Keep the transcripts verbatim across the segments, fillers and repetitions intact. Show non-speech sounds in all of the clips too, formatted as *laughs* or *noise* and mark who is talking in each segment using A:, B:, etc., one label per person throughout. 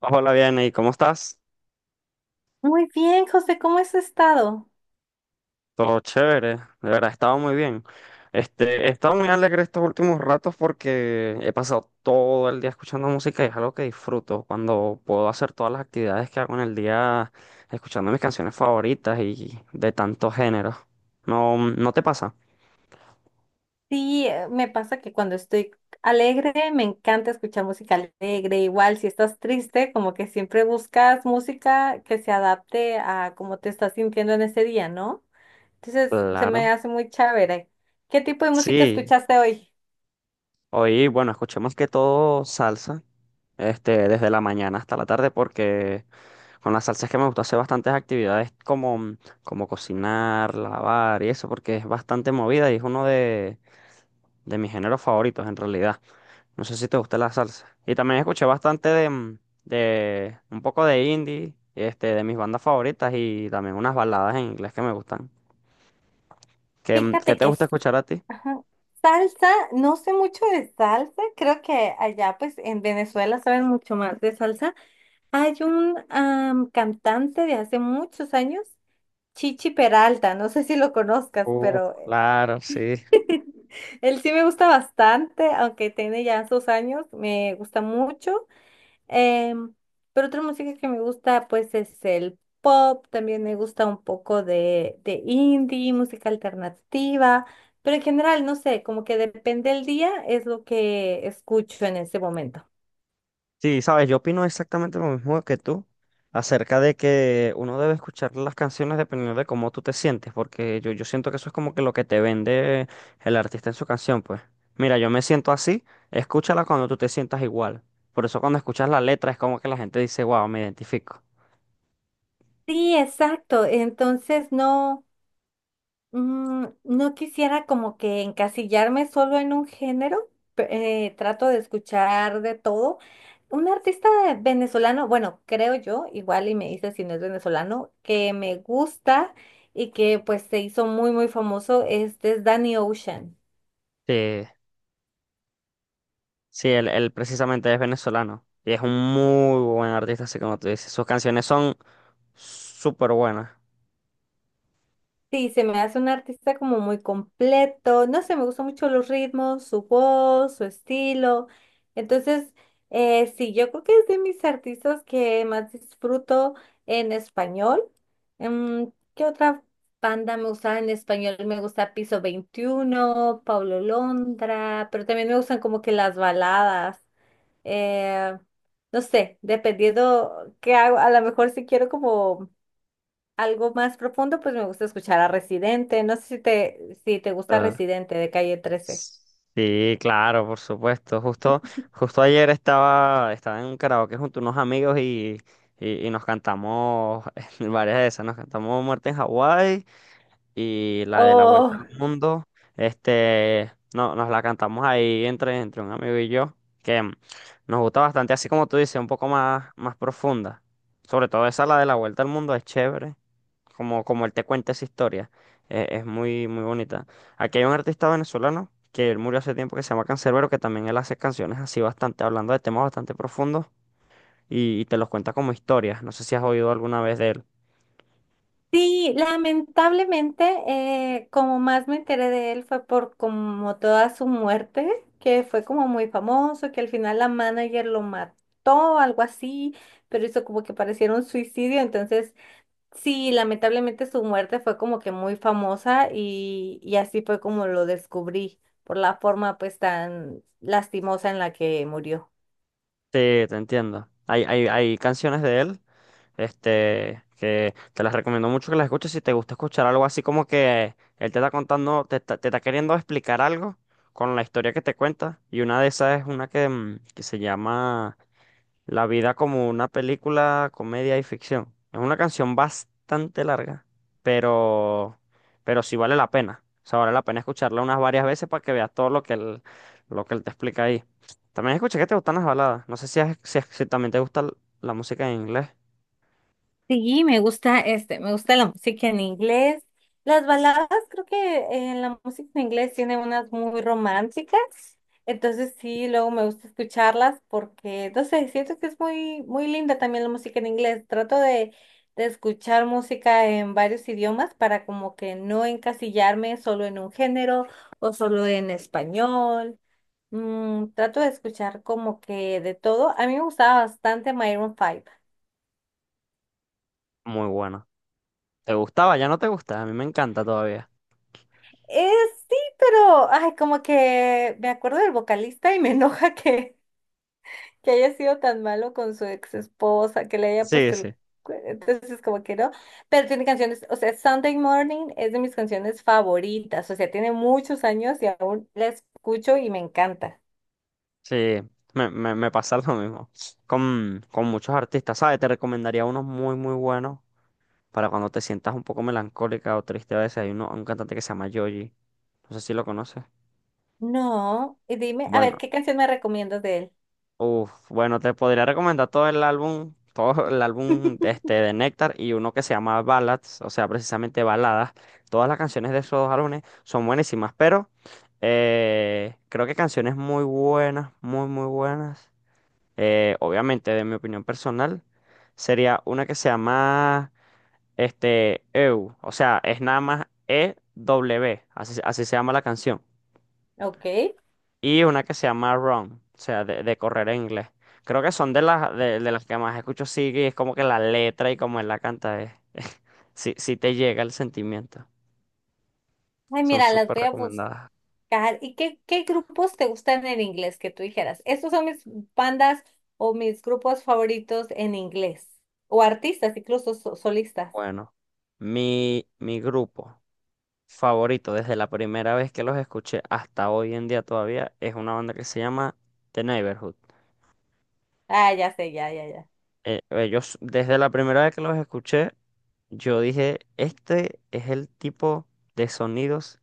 A: Hola, bien, ¿y cómo estás?
B: Muy bien, José, ¿cómo has estado?
A: Todo chévere, de verdad, he estado muy bien. Este, he estado muy alegre estos últimos ratos porque he pasado todo el día escuchando música y es algo que disfruto cuando puedo hacer todas las actividades que hago en el día escuchando mis canciones favoritas y de tantos géneros. ¿No, no te pasa?
B: Sí, eh, me pasa que cuando estoy alegre me encanta escuchar música alegre. Igual, si estás triste, como que siempre buscas música que se adapte a cómo te estás sintiendo en ese día, ¿no? Entonces, se me
A: Claro.
B: hace muy chévere. ¿Qué tipo de música
A: Sí,
B: escuchaste hoy?
A: hoy, bueno, escuché más que todo salsa. Este, desde la mañana hasta la tarde, porque con la salsa es que me gusta hacer bastantes actividades como, como cocinar, lavar y eso, porque es bastante movida y es uno de, de mis géneros favoritos en realidad. No sé si te gusta la salsa. Y también escuché bastante de, mm, de un poco de indie, este, de mis bandas favoritas y también unas baladas en inglés que me gustan. ¿Qué, mm, qué
B: Fíjate
A: te
B: que es
A: gusta escuchar a ti?
B: ajá, salsa, no sé mucho de salsa, creo que allá pues en Venezuela saben mucho más de salsa. Hay un am, cantante de hace muchos años Chichi Peralta, no sé si lo conozcas,
A: Uf,
B: pero eh,
A: claro, sí.
B: *laughs* él sí me gusta bastante, aunque tiene ya sus años, me gusta mucho. Em, pero otra música que me gusta, pues, es el pop, también me gusta un poco de, de indie, música alternativa, pero en general, no sé, como que depende del día, es lo que escucho en ese momento.
A: Sí, sabes, yo opino exactamente lo mismo que tú acerca de que uno debe escuchar las canciones dependiendo de cómo tú te sientes, porque yo, yo siento que eso es como que lo que te vende el artista en su canción, pues. Mira, yo me siento así, escúchala cuando tú te sientas igual. Por eso cuando escuchas la letra es como que la gente dice, wow, me identifico.
B: Sí, exacto. Entonces no, Mm, no quisiera como que encasillarme solo en un género, pe- eh, trato de escuchar de todo. Un artista venezolano, bueno, creo yo, igual y me dice si no es venezolano, que me gusta y que pues se hizo muy muy famoso, este es Danny Ocean.
A: Sí, sí, él, él precisamente es venezolano y es un muy buen artista, así como tú dices. Sus canciones son súper buenas.
B: Sí, se me hace un artista como muy completo. No sé, me gustan mucho los ritmos, su voz, su estilo. Entonces, eh, sí, yo creo que es de mis artistas que más disfruto en español. Mm, ¿Qué otra banda me gusta en español? Me gusta Piso Veintiuno, Pablo Londra, pero también me gustan como que las baladas. Eh, no sé, dependiendo qué hago, a lo mejor si quiero como algo más profundo, pues me gusta escuchar a Residente. No sé si te, si te gusta Residente de Calle trece.
A: Sí, claro, por supuesto. Justo, justo ayer estaba, estaba en un karaoke junto a unos amigos y, y, y nos cantamos *laughs* varias de esas. Nos cantamos Muerte en Hawái y la de la Vuelta
B: Oh,
A: al Mundo. Este, no, nos la cantamos ahí entre, entre un amigo y yo, que mm, nos gusta bastante, así como tú dices, un poco más, más profunda. Sobre todo esa, la de la Vuelta al Mundo, es chévere como, como él te cuenta esa historia. Eh, es muy, muy bonita. Aquí hay un artista venezolano que él murió hace tiempo que se llama Canserbero, que también él hace canciones así bastante, hablando de temas bastante profundos y, y te los cuenta como historias. No sé si has oído alguna vez de él.
B: sí, lamentablemente, eh, como más me enteré de él fue por como toda su muerte, que fue como muy famoso, que al final la manager lo mató, algo así, pero hizo como que pareciera un suicidio, entonces. Sí, lamentablemente su muerte fue como que muy famosa y, y así fue como lo descubrí, por la forma pues tan lastimosa en la que murió.
A: Sí, te entiendo. Hay, hay, hay canciones de él, este, que te las recomiendo mucho que las escuches si te gusta escuchar algo así como que él te está contando, te está, te está queriendo explicar algo con la historia que te cuenta. Y una de esas es una que, mm, que se llama La vida como una película, comedia y ficción. Es una canción bastante larga, pero, pero sí vale la pena. O sea, vale la pena escucharla unas varias veces para que veas todo lo que él, lo que él te explica ahí. También escuché que te gustan las baladas. No sé si, es- si, es- si también te gusta l- la música en inglés.
B: Sí, me gusta este, me gusta la música en inglés. Las baladas, creo que eh, la música en inglés tiene unas muy románticas. Entonces sí, luego me gusta escucharlas porque, no sé, siento que es muy, muy linda también la música en inglés. Trato de, de escuchar música en varios idiomas para como que no encasillarme solo en un género o solo en español. Mm, trato de escuchar como que de todo. A mí me gustaba bastante Maroon cinco.
A: Muy buena. ¿Te gustaba? Ya no te gusta. A mí me encanta todavía.
B: Eh, sí, pero, ay, como que me acuerdo del vocalista y me *laughs* enoja que, que haya sido tan malo con su ex esposa, que le haya
A: Sí,
B: puesto el...
A: sí.
B: cu- Entonces, como que no, pero tiene canciones, o sea, Sunday Morning es de mis canciones favoritas, o sea, tiene muchos años y aún la escucho y me encanta.
A: Sí, me, me, me pasa *laughs* lo mismo. Con, con muchos artistas, ¿sabes? Te recomendaría unos muy, muy buenos. Para cuando te sientas un poco melancólica o triste a veces. Hay uno, un cantante que se llama Yoji. No sé si lo conoces.
B: No, y dime, a ver,
A: Bueno,
B: ¿qué canción me recomiendas de él?
A: uf, bueno, te podría recomendar todo el álbum, todo el álbum de este de Nectar y uno que se llama Ballads, o sea, precisamente baladas. Todas las canciones de esos dos álbumes son buenísimas, pero eh, creo que canciones muy buenas, muy, muy buenas. Eh, obviamente, de mi opinión personal, sería una que se llama Este, E U, o sea, es nada más e w así, así se llama la canción.
B: Ok.
A: Y una que se llama Run, o sea, de, de correr en inglés. Creo que son de las, de, de las que más escucho, sí, y es como que la letra y como él la canta, es, *laughs* sí, sí te llega el sentimiento.
B: Ay,
A: Son
B: mira, las
A: súper
B: voy a buscar.
A: recomendadas.
B: Car- ¿Y qué, qué grupos te gustan en inglés que tú dijeras? Estos son mis bandas o mis grupos favoritos en inglés. O artistas, incluso so- solistas.
A: Bueno, mi, mi grupo favorito desde la primera vez que los escuché hasta hoy en día todavía es una banda que se llama The Neighborhood.
B: Ah, ya sé, ya, ya, ya.
A: Eh, ellos, desde la primera vez que los escuché, yo dije, este es el tipo de sonidos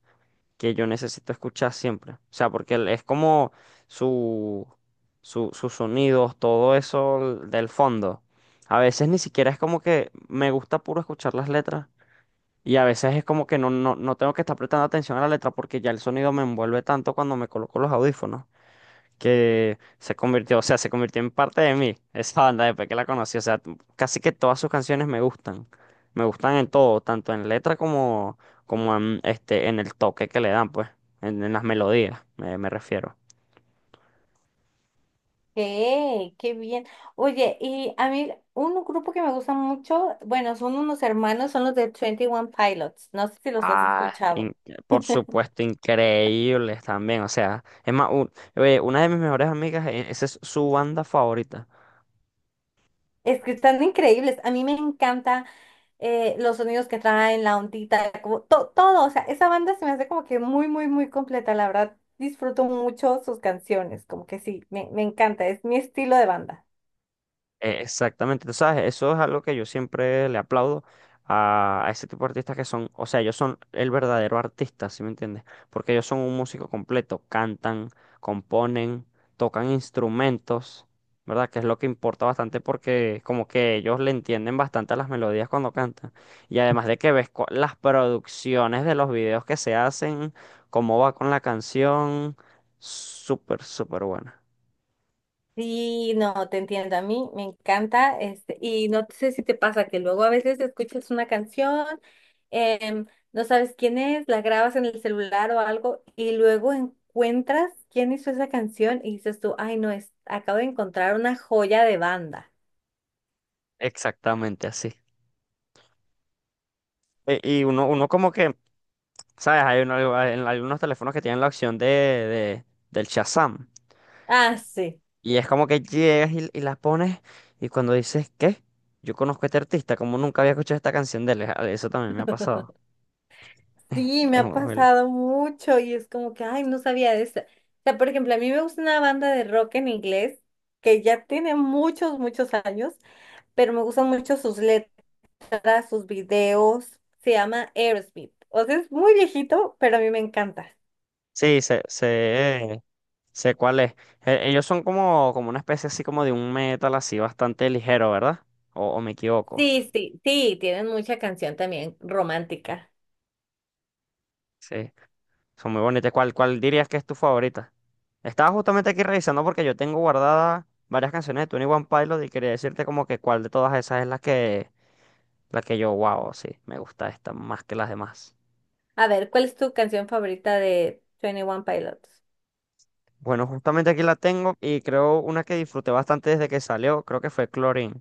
A: que yo necesito escuchar siempre. O sea, porque el- es como su, su- sus sonidos, todo eso del fondo. A veces ni siquiera es como que me gusta puro escuchar las letras. Y a veces es como que no, no, no tengo que estar prestando atención a la letra porque ya el sonido me envuelve tanto cuando me coloco los audífonos que se convirtió, o sea, se convirtió en parte de mí, esa banda después que la conocí, o sea, t- casi que todas sus canciones me gustan, me gustan en todo, tanto en letra como, como en, este, en el toque que le dan, pues, en, en las melodías, me, me refiero.
B: ¡Qué, qué bien! Oye, y a mí un grupo que me gusta mucho, bueno, son unos hermanos, son los de Twenty One Pilots. No sé si los has
A: Ah, In-
B: escuchado.
A: por supuesto, increíbles también, o sea, es más, u- eh, una de mis mejores amigas, eh, esa es su banda favorita.
B: Es que están increíbles. A mí me encanta eh, los sonidos que traen, la ondita, como to- todo. O sea, esa banda se me hace como que muy, muy, muy completa. La verdad, disfruto mucho sus canciones. Como que sí, me, me encanta. Es mi estilo de banda.
A: Eh, Exactamente, tú sabes, eso es algo que yo siempre le aplaudo a, a ese tipo de artistas que son, o sea, ellos son el verdadero artista, ¿sí me entiendes? Porque ellos son un músico completo, cantan, componen, tocan instrumentos, ¿verdad? Que es lo que importa bastante porque como que ellos le entienden bastante a las melodías cuando cantan. Y además de que ves cu- las producciones de los videos que se hacen, cómo va con la canción, súper, súper buena.
B: Sí, no, te entiendo. A mí me encanta, este, y no sé si te pasa que luego a veces escuchas una canción, em, no sabes quién es, la grabas en el celular o algo, y luego encuentras quién hizo esa canción y dices tú, ay, no, es, acabo de encontrar una joya de banda.
A: Exactamente así. E- Y uno, uno como que ¿sabes? Hay uno- en algunos teléfonos que tienen la opción de, de- del Shazam.
B: Ah, sí,
A: Y es como que llegas y, y la pones y cuando dices, ¿qué? Yo conozco a este artista, como nunca había escuchado esta canción de él. Ah, eso también me ha pasado.
B: sí, me
A: Es
B: ha
A: muy muy loco.
B: pasado mucho y es como que, ay, no sabía de esa. O sea, por ejemplo, a mí me gusta una banda de rock en inglés que ya tiene muchos, muchos años, pero me gustan mucho sus letras. Para sus videos. Se llama Aerosmith. O sea, es muy viejito, pero a mí me encanta.
A: Sí, sé, sé, sé cuál es. Eh, Ellos son como, como una especie así como de un metal así bastante ligero, ¿verdad? O, o me equivoco.
B: Sí, sí, sí, tienen mucha canción también romántica.
A: Sí. Son muy bonitas. ¿Cuál, cuál dirías que es tu favorita? Estaba justamente aquí revisando porque yo tengo guardadas varias canciones de Twenty One Pilot y quería decirte como que cuál de todas esas es la que, la que yo, wow, sí, me gusta esta más que las demás.
B: A ver, ¿cuál es tu canción favorita de twenty One Pilots?
A: Bueno, justamente aquí la tengo y creo una que disfruté bastante desde que salió, creo que fue Chlorine.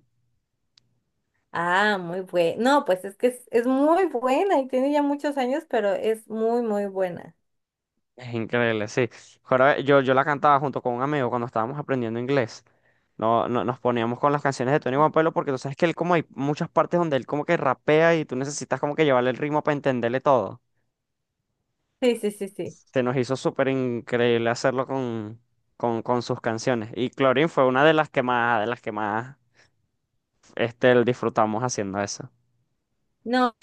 B: Ah, muy buena. No, pues es que es, es muy buena y tiene ya muchos años, pero es muy, muy buena.
A: Es increíble, sí. Joroba- yo, yo la cantaba junto con un amigo cuando estábamos aprendiendo inglés. No, no, nos poníamos con las canciones de Tony One Pilote porque tú sabes que él como hay muchas partes donde él como que rapea y tú necesitas como que llevarle el ritmo para entenderle todo.
B: Sí, sí, sí, sí.
A: Se nos hizo súper increíble hacerlo con, con, con sus canciones. Y Clorin fue una de las que más, de las que más este, disfrutamos haciendo eso.
B: No,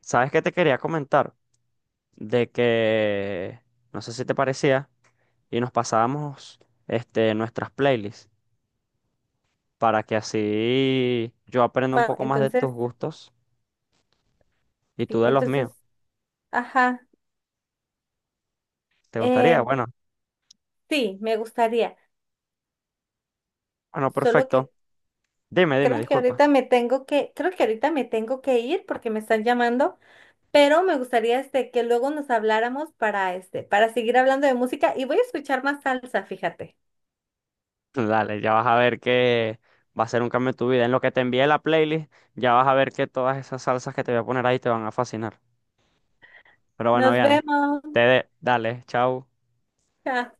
A: ¿Sabes qué te quería comentar? De que, no sé si te parecía, y nos pasábamos este, nuestras playlists, para que así yo aprenda un
B: ma-
A: poco más de tus
B: entonces,
A: gustos y
B: sí,
A: tú de los
B: entonces,
A: míos.
B: ajá.
A: ¿Te gustaría?
B: eh,
A: Bueno,
B: sí, me gustaría.
A: bueno,
B: Solo
A: perfecto.
B: que
A: Dime, dime,
B: creo que
A: disculpa.
B: ahorita me tengo que, creo que ahorita me tengo que ir porque me están llamando, pero me gustaría este que luego nos habláramos para este, para seguir hablando de música y voy a escuchar más salsa, fíjate.
A: *laughs* Dale, ya vas a ver que va a ser un cambio en tu vida. En lo que te envíe la playlist, ya vas a ver que todas esas salsas que te voy a poner ahí te van a fascinar. Pero bueno,
B: Nos
A: Viane,
B: vemos.
A: te de, dale, chao.
B: Chao.